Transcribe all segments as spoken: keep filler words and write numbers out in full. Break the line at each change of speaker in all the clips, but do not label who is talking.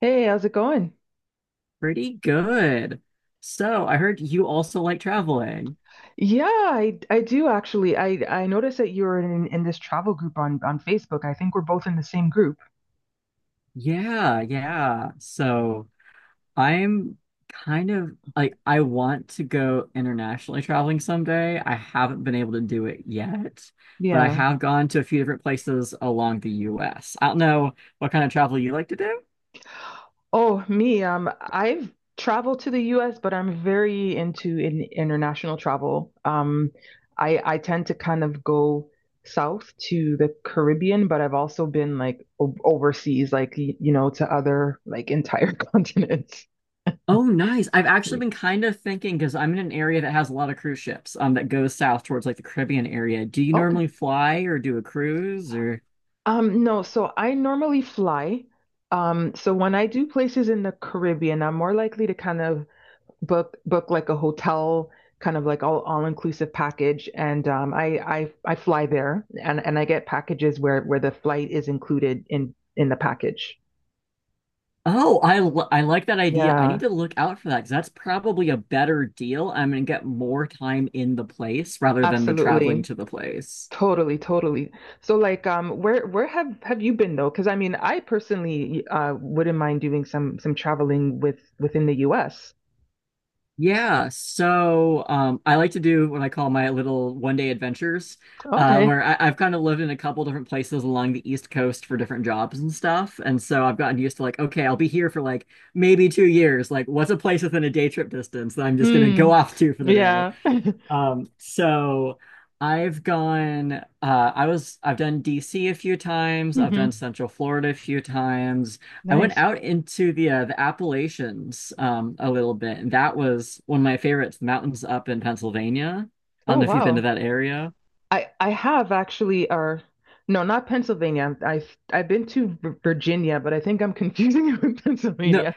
Hey, how's it going?
Pretty good. So I heard you also like traveling.
Yeah, I I do actually. I I noticed that you're in in this travel group on on Facebook. I think we're both in the same group.
Yeah, yeah. So I'm kind of like I want to go internationally traveling someday. I haven't been able to do it yet, but I
Yeah.
have gone to a few different places along the U S. I don't know what kind of travel you like to do.
Oh, me. Um, I've traveled to the U S, but I'm very into in international travel. Um, I I tend to kind of go south to the Caribbean, but I've also been like o overseas, like y- you know, to other like entire continents.
Oh, nice. I've actually been kind of thinking because I'm in an area that has a lot of cruise ships um that goes south towards like the Caribbean area. Do you
Okay.
normally fly or do a cruise or…
Um, no, so I normally fly. Um, so when I do places in the Caribbean, I'm more likely to kind of book book like a hotel, kind of like all all inclusive package, and um, I I I fly there, and and I get packages where where the flight is included in in the package.
Oh, I li- I like that idea. I need
Yeah,
to look out for that because that's probably a better deal. I'm gonna get more time in the place rather than the traveling
absolutely.
to the place.
Totally, totally. So like um where where have have you been though? 'Cause I mean, I personally uh wouldn't mind doing some some traveling with within the U S.
Yeah, so um, I like to do what I call my little one day adventures, uh,
Okay.
where I, I've kind of lived in a couple different places along the East Coast for different jobs and stuff. And so I've gotten used to like, okay, I'll be here for like maybe two years. Like, what's a place within a day trip distance that I'm just gonna go
Mm,
off to for the day?
yeah.
Um, so I've gone, uh, I was, I've done D C a few times. I've
hmm
done Central Florida a few times. I went
Nice.
out into the uh, the Appalachians um, a little bit, and that was one of my favorites, the mountains up in Pennsylvania. I
Oh,
don't know if you've been to
wow.
that area.
I I have actually, or no, not Pennsylvania. I've I've been to V- Virginia, but I think I'm confusing it with
No.
Pennsylvania.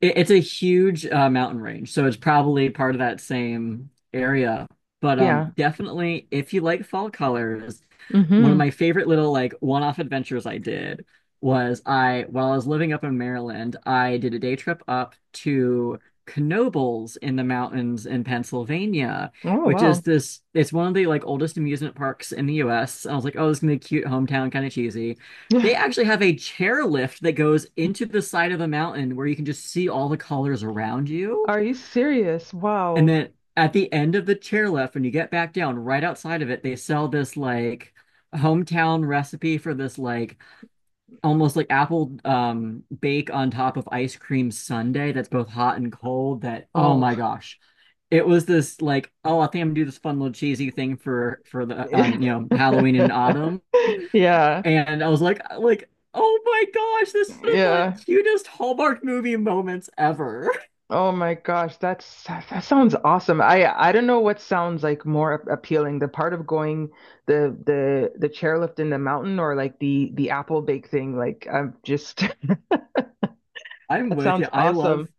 It, it's a huge uh, mountain range, so it's probably part of that same area. But um,
Yeah.
definitely, if you like fall colors, one of
hmm
my favorite little like one-off adventures I did was I, while I was living up in Maryland, I did a day trip up to Knoebels in the mountains in Pennsylvania,
Oh,
which is
wow.
this, it's one of the like oldest amusement parks in the U S. And I was like, oh, this is gonna be cute hometown, kind of cheesy. They actually have a chairlift that goes into the side of a mountain where you can just see all the colors around you.
Are you serious?
And
Wow.
then at the end of the chairlift, when you get back down, right outside of it, they sell this like hometown recipe for this like almost like apple um bake on top of ice cream sundae that's both hot and cold that oh
Oh.
my gosh. It was this like, oh, I think I'm gonna do this fun little cheesy thing for for the um, you know, Halloween and autumn.
Yeah.
And I was like, like, oh my gosh, this is one of
Yeah.
the cutest Hallmark movie moments ever.
Oh my gosh, that's that sounds awesome. I I don't know what sounds like more ap- appealing, the part of going the the the chairlift in the mountain or like the the apple bake thing. Like I'm just
I'm
that
with you.
sounds
I
awesome.
love…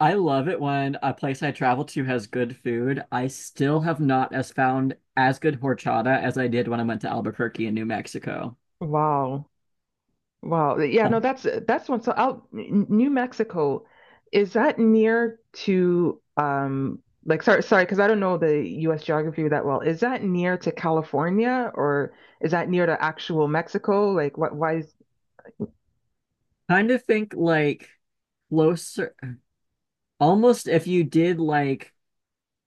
I love it when a place I travel to has good food. I still have not as found as good horchata as I did when I went to Albuquerque in New Mexico.
Wow. Wow. Yeah, no,
Um,
that's that's one. So out N- New Mexico, is that near to um like sorry sorry because I don't know the U S geography that well. Is that near to California or is that near to actual Mexico? Like what why is
kind of think like closer almost if you did like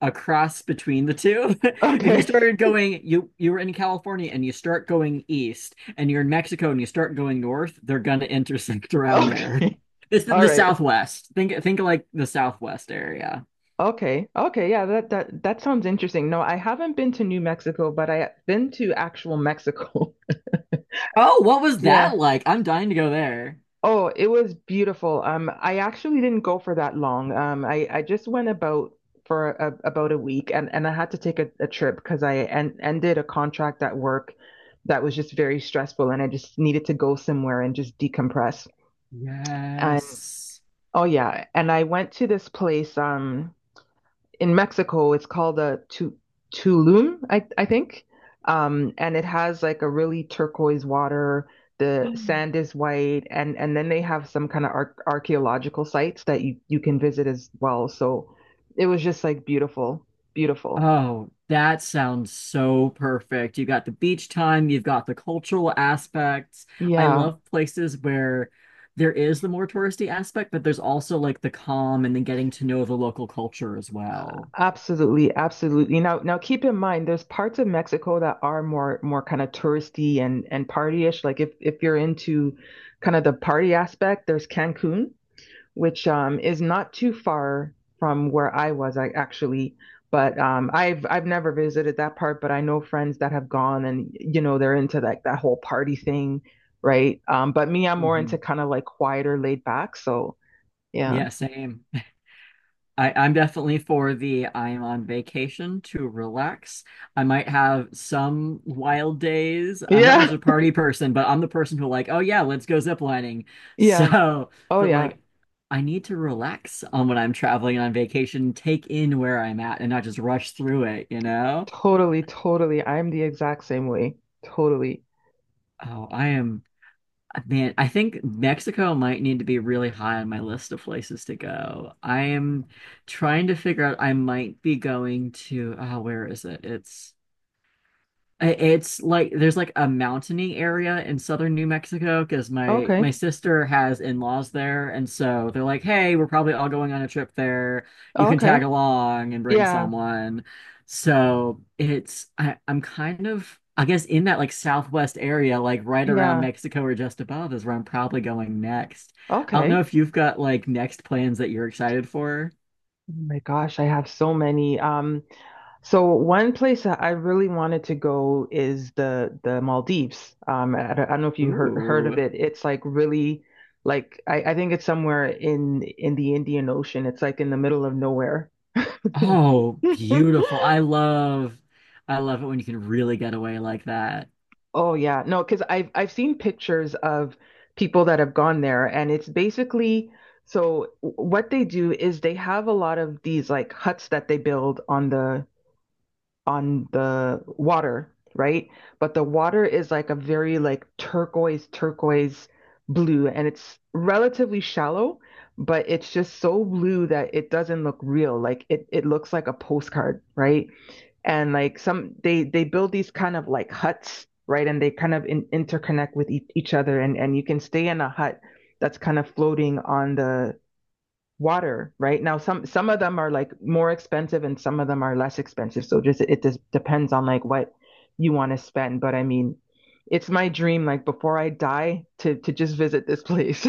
a cross between the two. If you
okay.
started going, you you were in California and you start going east, and you're in Mexico and you start going north, they're gonna intersect around
Okay.
there. It's the,
All
the
right.
Southwest. Think think like the Southwest area.
Okay. Okay. Yeah, that that that sounds interesting. No, I haven't been to New Mexico, but I've been to actual Mexico.
Oh, what was
Yeah.
that like? I'm dying to go there.
Oh, it was beautiful. Um, I actually didn't go for that long. Um, I I just went about for a, about a week, and and I had to take a, a trip because I en ended a contract at work that was just very stressful, and I just needed to go somewhere and just decompress. And
Yes.
oh yeah, and I went to this place. Um. In Mexico, it's called a tu- Tulum, I, I think. Um, and it has like a really turquoise water. The sand is white, and and then they have some kind of ar archaeological sites that you you can visit as well. So it was just like beautiful, beautiful.
Oh, that sounds so perfect. You got the beach time, you've got the cultural aspects. I
Yeah,
love places where there is the more touristy aspect, but there's also like the calm and the getting to know the local culture as well.
absolutely, absolutely. Now now keep in mind, there's parts of Mexico that are more more kind of touristy and and partyish. Like if if you're into kind of the party aspect, there's Cancun, which um, is not too far from where I was, I actually. But um, I've I've never visited that part, but I know friends that have gone, and you know they're into like that whole party thing, right? Um, but me, I'm more into
Hmm.
kind of like quieter, laid back. So yeah,
Yeah, same. I, I'm definitely for the… I'm on vacation to relax. I might have some wild days. I'm not much
yeah,
of a party person, but I'm the person who like, oh yeah, let's go ziplining.
yeah.
So,
Oh
but
yeah,
like I need to relax on when I'm traveling on vacation, take in where I'm at and not just rush through it, you know?
totally, totally. I'm the exact same way. Totally.
Oh, I am… man, I think Mexico might need to be really high on my list of places to go. I am trying to figure out… I might be going to… oh, where is it? It's… it's like there's like a mountainy area in southern New Mexico because my
Okay.
my sister has in-laws there, and so they're like, "Hey, we're probably all going on a trip there. You can
Okay.
tag along and bring
Yeah.
someone." So it's… I, I'm kind of I guess in that like southwest area, like right around
Yeah.
Mexico or just above is where I'm probably going next. I don't know
Okay.
if you've got like next plans that you're excited for.
Oh my gosh, I have so many. Um, So one place that I really wanted to go is the the Maldives. Um, I, don't I don't know if you heard heard of
Ooh.
it. It's like really like I, I think it's somewhere in in the Indian Ocean. It's like in the middle of nowhere.
Oh, beautiful. I love… I love it when you can really get away like that.
Oh yeah, no, because I've I've seen pictures of people that have gone there, and it's basically so w- what they do is they have a lot of these like huts that they build on the on the water, right? But the water is like a very like turquoise, turquoise blue, and it's relatively shallow, but it's just so blue that it doesn't look real. Like it it looks like a postcard, right? And like some they they build these kind of like huts, right? And they kind of in, interconnect with each each other, and and you can stay in a hut that's kind of floating on the water. Right now, some some of them are like more expensive and some of them are less expensive, so just it just depends on like what you want to spend. But I mean, it's my dream, like before I die, to to just visit this place.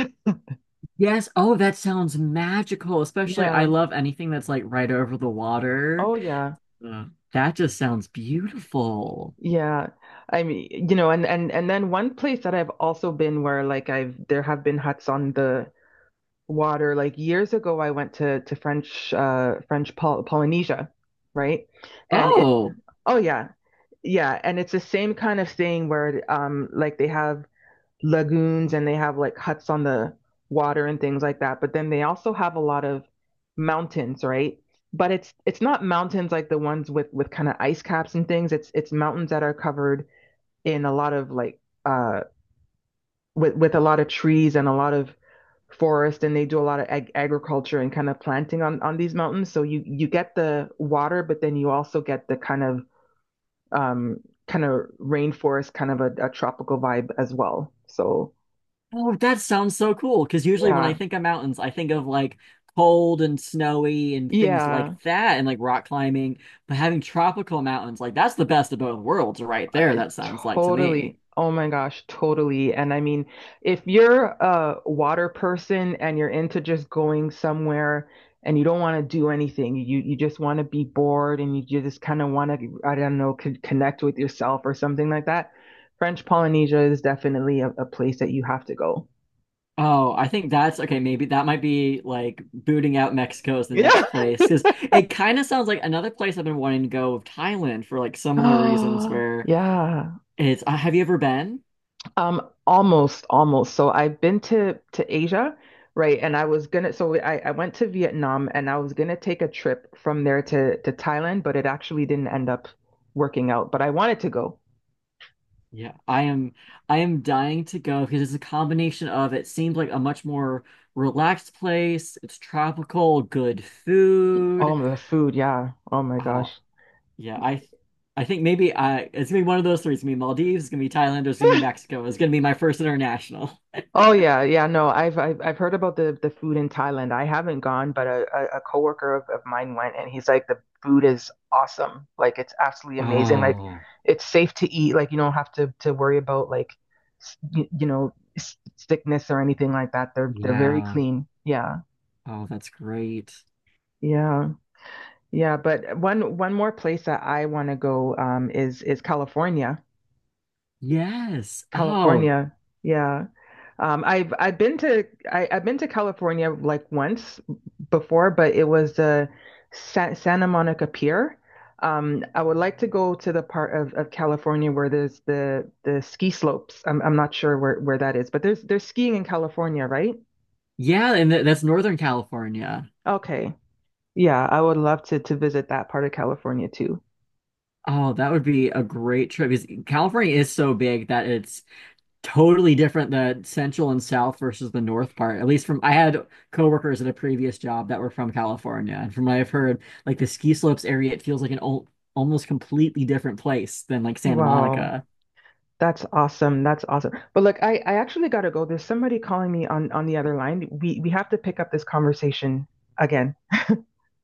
Yes. Oh, that sounds magical. Especially I
Yeah.
love anything that's like right over the water.
Oh yeah.
Uh, that just sounds beautiful.
Yeah, I mean, you know, and and and then one place that I've also been where like I've there have been huts on the water, like years ago I went to to french uh French Pol- polynesia, right? And it
Oh.
oh yeah. Yeah, and it's the same kind of thing where um like they have lagoons and they have like huts on the water and things like that, but then they also have a lot of mountains, right? But it's it's not mountains like the ones with with kind of ice caps and things. It's it's mountains that are covered in a lot of like uh with with a lot of trees and a lot of forest, and they do a lot of ag- agriculture and kind of planting on on these mountains, so you you get the water, but then you also get the kind of um, kind of rainforest, kind of a, a tropical vibe as well. So
Oh, that sounds so cool. Because usually when I
yeah,
think of mountains, I think of like cold and snowy and things
yeah,
like that and like rock climbing. But having tropical mountains, like that's the best of both worlds right there,
I-
that sounds like to
totally.
me.
Oh my gosh, totally. And I mean, if you're a water person and you're into just going somewhere and you don't want to do anything, you you just want to be bored and you just kind of want to, I don't know, con connect with yourself or something like that, French Polynesia is definitely a, a place that you have to go.
Oh, I think that's okay. Maybe that might be like booting out Mexico as the
Yeah.
next place because it kind of sounds like another place I've been wanting to go of Thailand for like similar reasons.
Oh,
Where
yeah.
it's uh, have you ever been?
Um, almost, almost. So I've been to to Asia, right? And I was gonna, so I I went to Vietnam, and I was gonna take a trip from there to to Thailand, but it actually didn't end up working out. But I wanted to go.
Yeah, I am. I am dying to go because it's a combination of it seems like a much more relaxed place. It's tropical, good food.
Oh, the food, yeah. Oh my
Oh,
gosh.
yeah. I, I think maybe I it's gonna be one of those three. It's gonna be Maldives. It's gonna be Thailand. Or it's gonna be Mexico. It's gonna be my first international.
Oh yeah, yeah. No, I've I've I've heard about the the food in Thailand. I haven't gone, but a a, a coworker of, of mine went, and he's like, the food is awesome. Like it's absolutely amazing. Like
Oh.
it's safe to eat. Like you don't have to to worry about like s- y- you know, s- sickness or anything like that. They're they're very
Yeah.
clean. Yeah,
Oh, that's great.
yeah, yeah. But one one more place that I want to go um is is California.
Yes. Oh,
California. Yeah. Um, I've I've been to I, I've been to California like once before, but it was the Sa Santa Monica Pier. Um, I would like to go to the part of, of California where there's the the ski slopes. I'm I'm not sure where, where that is, but there's there's skiing in California, right?
yeah. And th that's Northern California.
Okay. Yeah, I would love to to visit that part of California too.
Oh, that would be a great trip because California is so big that it's totally different the central and south versus the north part. At least from… I had coworkers at a previous job that were from California, and from what I've heard, like the ski slopes area, it feels like an old, almost completely different place than like Santa
Wow.
Monica.
That's awesome. That's awesome. But look, I I actually got to go. There's somebody calling me on on the other line. We we have to pick up this conversation again.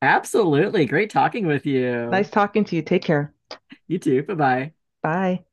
Absolutely. Great talking with
Nice
you.
talking to you. Take care.
You too. Bye-bye.
Bye.